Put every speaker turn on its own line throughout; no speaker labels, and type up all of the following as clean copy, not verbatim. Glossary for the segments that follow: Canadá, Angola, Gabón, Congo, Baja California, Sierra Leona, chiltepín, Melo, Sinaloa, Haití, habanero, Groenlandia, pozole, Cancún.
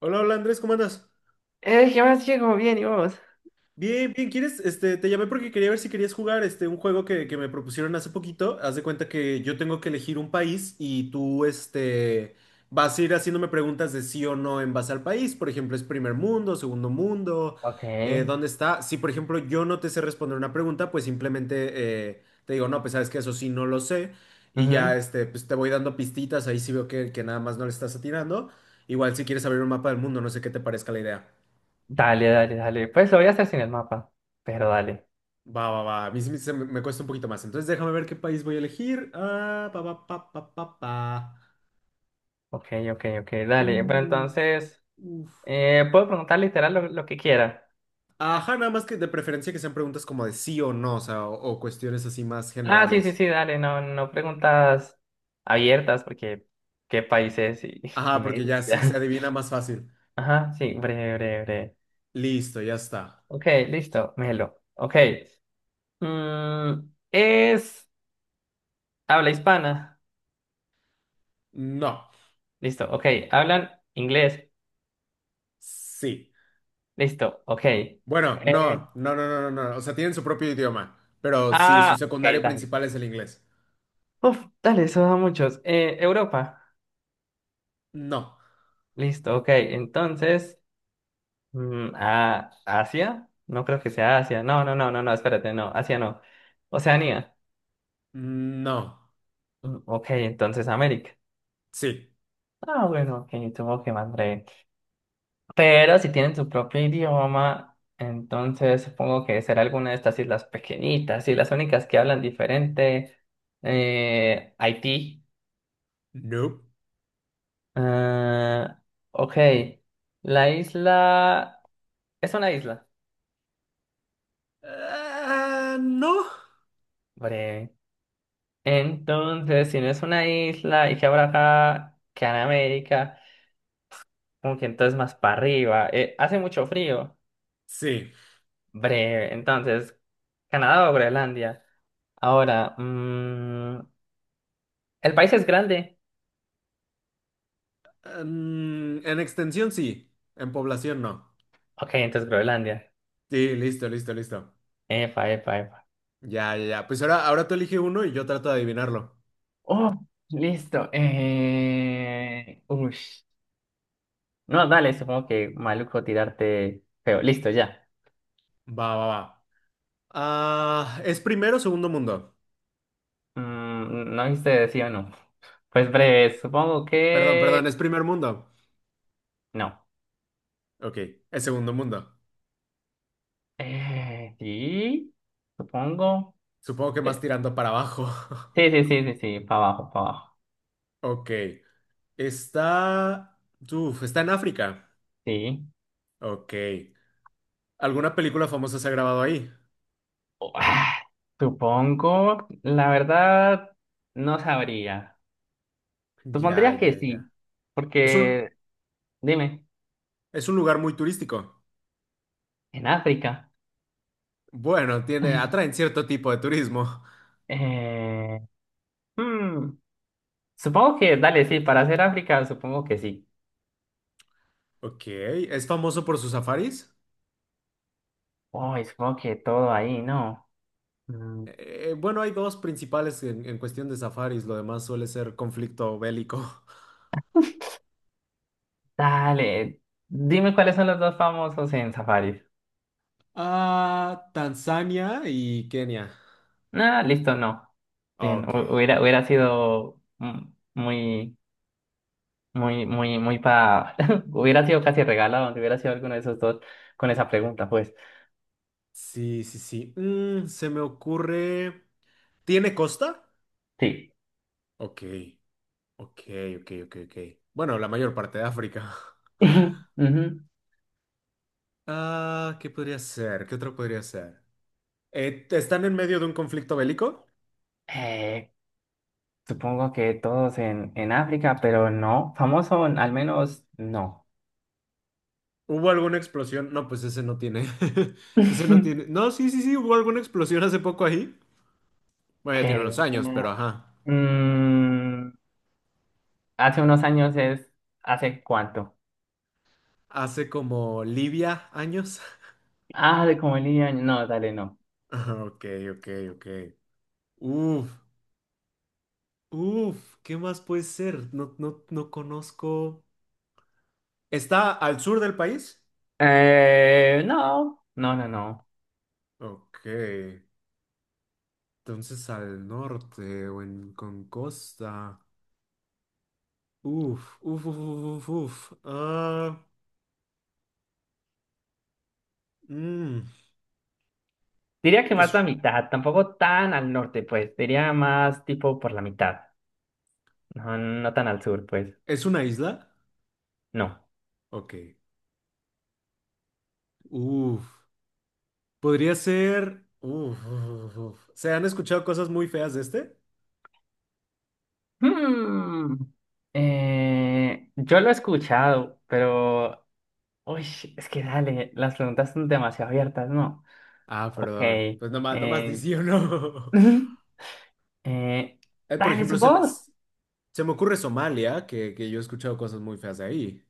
Hola, hola Andrés, ¿cómo andas?
¿Qué más, chico? Bien, ¿y vos?
Bien, bien, ¿quieres? Este, te llamé porque quería ver si querías jugar este, un juego que me propusieron hace poquito. Haz de cuenta que yo tengo que elegir un país y tú este, vas a ir haciéndome preguntas de sí o no en base al país. Por ejemplo, ¿es primer mundo, segundo mundo?
Ok.
¿Dónde está? Si, por ejemplo, yo no te sé responder una pregunta, pues simplemente te digo, no, pues sabes que eso sí no lo sé. Y ya
Ujú.
este, pues, te voy dando pistitas, ahí sí veo que nada más no le estás atinando. Igual si quieres abrir un mapa del mundo, no sé qué te parezca la idea.
Dale, dale, dale. Pues lo voy a hacer sin el mapa. Pero dale.
Va, va, va. A mí sí me cuesta un poquito más. Entonces déjame ver qué país voy a elegir. Ah, pa, pa, pa, pa, pa, pa.
Ok, ok, ok. Dale. Pero
Uf,
entonces,
uf.
puedo preguntar literal lo que quiera.
Ajá, nada más que de preferencia que sean preguntas como de sí o no, o sea, o cuestiones así más
Ah, sí, sí,
generales.
sí, dale. No, no preguntas abiertas porque qué país es y, y
Ajá,
me
porque
dices
ya
y
se
ya.
adivina más fácil.
Ajá, sí, breve, breve, breve.
Listo, ya está.
Ok, listo, Melo. Ok. Mm, es. Habla hispana.
No.
Listo, ok. Hablan inglés.
Sí.
Listo, ok.
Bueno,
Eh,
no, no, no, no, no, no. O sea, tienen su propio idioma. Pero sí, su
Ah, ok,
secundario
dale.
principal es el inglés.
Uf, dale, eso da muchos. Europa.
No.
Listo, ok. Entonces, Asia. No creo que sea Asia. No, no, no, no, no, espérate, no. Asia no. Oceanía.
No.
Ok, entonces América.
Sí.
Ah, bueno, ok, tuvo que más breve. Pero si tienen su propio idioma, entonces supongo que será alguna de estas islas pequeñitas y las únicas que hablan diferente. Haití.
Nope.
Ah, ok. La isla. Es una isla.
Ah, no.
Bre. Entonces, si no es una isla y que habrá acá, que en América, como que entonces más para arriba. Hace mucho frío.
Sí.
Breve. Entonces, Canadá o Groenlandia. Ahora, el país es grande.
Mm, en extensión sí, en población no.
Ok, entonces Groenlandia.
Sí, listo, listo, listo.
Epa, epa, epa.
Ya, ya, ya. Pues ahora, ahora tú elige uno y yo trato de adivinarlo.
Oh, listo. Ush. No, dale, supongo que maluco tirarte feo. Listo, ya.
Va, va, va. Ah, ¿es primero o segundo mundo?
No hice sí o no. Pues breve, supongo
Perdón, perdón,
que
es primer mundo.
no.
Ok, es segundo mundo.
Sí, supongo.
Supongo que más
Eh,
tirando para abajo.
Sí, sí, sí, sí, sí, para abajo, para abajo.
Ok. Está... está en África.
Sí.
Ok. ¿Alguna película famosa se ha grabado ahí?
Oh, supongo, la verdad, no sabría.
Ya,
Supondría que
ya, ya.
sí,
Es un,
porque, dime,
es un lugar muy turístico.
en África.
Bueno, tiene, atraen cierto tipo de turismo.
Eh, hmm, supongo que, dale, sí, para hacer África, supongo que sí.
Ok, ¿es famoso por sus safaris?
Uy, supongo que todo ahí, ¿no? Mm,
Bueno, hay dos principales en cuestión de safaris, lo demás suele ser conflicto bélico.
Dale, dime cuáles son los dos famosos en Safari.
Ah, Tanzania y Kenia.
Ah, listo, no. Bien,
Ok,
hubiera sido muy, muy, muy, muy. Hubiera sido casi regalado donde hubiera sido alguno de esos dos con esa pregunta, pues.
sí, sí, sí. Mm, se me ocurre... ¿Tiene costa?
Sí.
Ok, ok, ok, ok, ok. Bueno, la mayor parte de África.
Ujú.
Ah, ¿qué podría ser? ¿Qué otro podría ser? ¿Están en medio de un conflicto bélico?
Eh, Supongo que todos en África, pero no. Famoso, al menos, no.
¿Hubo alguna explosión? No, pues ese no tiene. Ese no tiene. No, sí, sí, sí, hubo alguna explosión hace poco ahí. Bueno, ya tiene unos
Que,
años, pero ajá.
mm, Hace unos años ¿Hace cuánto?
Hace como Libia años.
Ah, de como el niño. No, dale, no.
Ajá, ok, ok, ok. Uf, uf, ¿qué más puede ser? No, no, no conozco. ¿Está al sur del país?
No, no, no, no.
Ok. Entonces al norte o en con costa. Uf, uf, uf, uf, uf, uf. Ah, mm.
Diría que más la
¿Es,
mitad, tampoco tan al norte, pues. Diría más tipo por la mitad. No, no tan al sur, pues.
¿es una isla?
No.
Ok. Uf, podría ser. Uf, uf, uf. ¿Se han escuchado cosas muy feas de este?
Hmm. Yo lo he escuchado, pero. Uy, es que dale, las preguntas son demasiado abiertas, ¿no?
Ah,
Ok.
perdón. Pues nomás, nomás di
Eh,
sí o no.
eh,
Por
dale, su
ejemplo,
voz.
se me ocurre Somalia, que yo he escuchado cosas muy feas de ahí.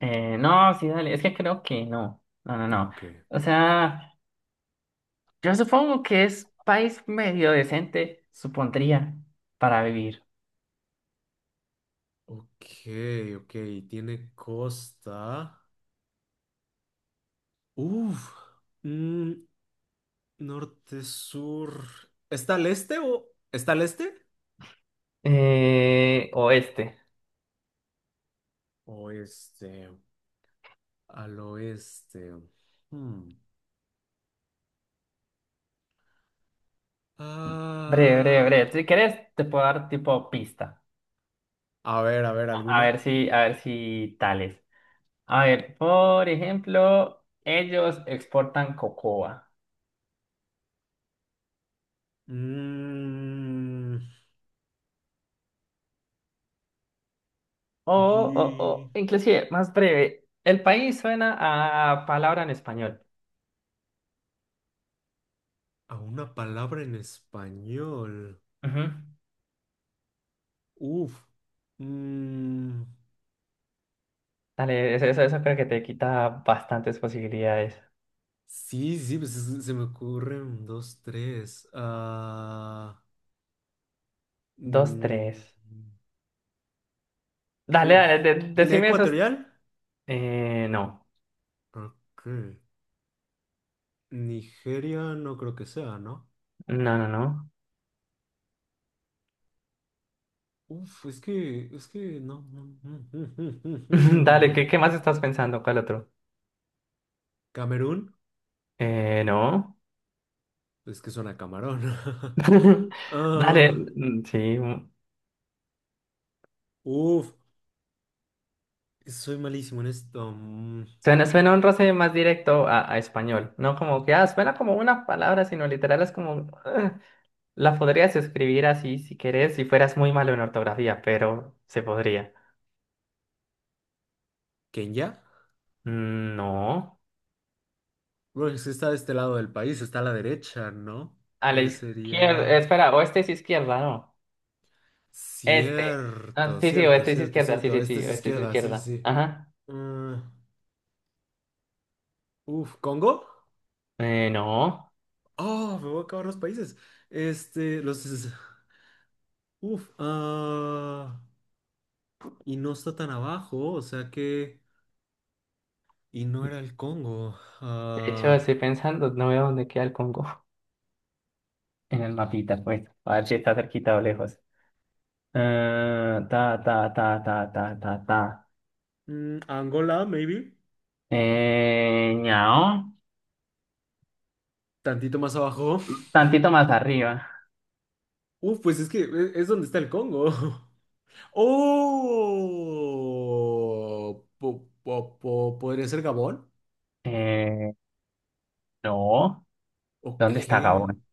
No, sí, dale. Es que creo que no. No, no, no.
Ok.
O sea. Yo supongo que es país medio decente, supondría, para vivir.
Ok, ok. Tiene costa. Uf. Mm, norte, sur. ¿Está al este?
Oeste.
Oeste. Al oeste. Hmm.
Breve, breve, breve. Si
Ah,
querés, te puedo dar tipo pista.
a ver, a ver,
A ver
¿alguna?
si, a ver si tales. A ver, por ejemplo, ellos exportan cocoa.
Mm,
O, o,
y-
o, inclusive, más breve. El país suena a palabra en español.
A una palabra en español.
Ujú.
Uf. Mm,
Dale, eso creo que te quita bastantes posibilidades.
sí, sí, pues es- se me ocurren dos, tres. Ah,
Dos,
mm,
tres. Dale,
uf.
dale, de-
¿Guinea
decime esos.
Ecuatorial?
No,
Ok. Nigeria no creo que sea, ¿no?
no, no, no.
Uf, es que no.
Dale, ¿qué, qué más estás pensando? ¿Cuál otro?
Camerún,
No.
es que suena a camarón.
Dale,
Ah,
sí. Mm.
uf, soy malísimo en esto. Mm,
Suena un roce más directo a español, ¿no? Como que, suena como una palabra, sino literal es como, la podrías escribir así si querés, si fueras muy malo en ortografía, pero se podría.
¿Kenia?
Mm, no.
Bueno, es que está de este lado del país, está a la derecha, ¿no?
A la izquierda,
Sería...
espera, oeste es izquierda, no. Este. Ah,
Cierto,
sí, sí,
cierto,
oeste es
cierto,
izquierda, sí,
cierto.
sí,
Esta
sí,
es
oeste es
izquierda, sí,
izquierda.
sí, sí.
Ajá.
Ah, uf, ¿Congo?
No.
Oh, me voy a acabar los países. Este, los... es- Uf, ah... Y no está tan abajo, o sea que... Y no era el Congo.
De hecho,
Ah,
estoy pensando, no veo dónde queda el Congo en el mapita, pues, a ver si está cerquita o lejos. Ta, ta, ta, ta, ta, ta, ta.
mm, Angola, maybe.
Eh, ñao,
Tantito más abajo.
tantito más arriba.
Uf, pues es donde está el Congo. Oh, po- po- po- ¿podría ser Gabón?
Eh, no, ¿dónde
¿Ok?
está Gabón?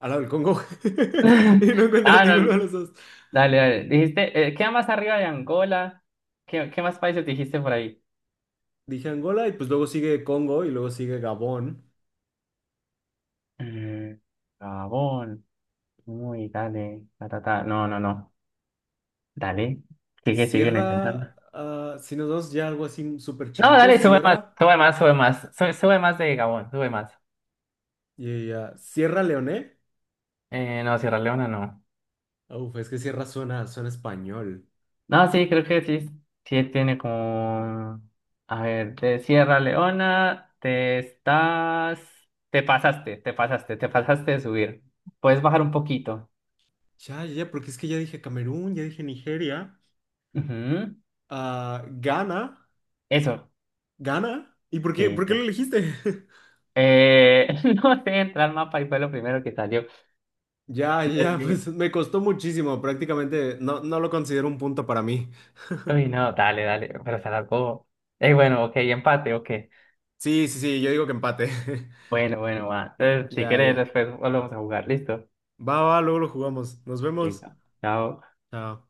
Al lado del Congo. Y no encuentras
Ah,
ninguno de
no,
los dos.
dale, dale. Dijiste, queda más arriba de Angola. ¿Qué más países dijiste por ahí?
Dije Angola y pues luego sigue Congo y luego sigue Gabón.
Mm, Gabón. Uy, dale, ta, ta, ta. No, no, no. Dale, sigue intentando.
Sierra, ah, si nos dos ya algo así súper
No,
chiquito,
dale, sube más,
Sierra
sube más, sube más. Sube, sube más de Gabón, sube más.
y ah, Sierra Leone.
No, Sierra Leona no.
Uf, es que Sierra suena, suena español.
No, sí, creo que sí. Sí tiene como... A ver, de Sierra Leona te estás... Te pasaste, te pasaste, te pasaste de subir. Puedes bajar un poquito.
Ya, ya, ya, porque es que ya dije Camerún, ya dije Nigeria,
Ujú.
ah, Ghana.
Eso.
¿Gana? ¿Y
Sí,
por qué
ya.
lo elegiste?
Eh, no sé, entrar al mapa y fue lo primero que salió.
Ya,
Entonces
ya,
dije,
pues me costó muchísimo, prácticamente no, no lo considero un punto para mí.
uy, no, dale, dale, pero se alargó. Bueno, ok, empate, ok.
Sí, sí, sí, yo digo que empate.
Bueno, bueno, va. Entonces, si
Ya,
quieres,
ya.
después volvemos a jugar. ¿Listo?
Va, va, luego lo jugamos. Nos vemos.
Listo. Chao.
Chao.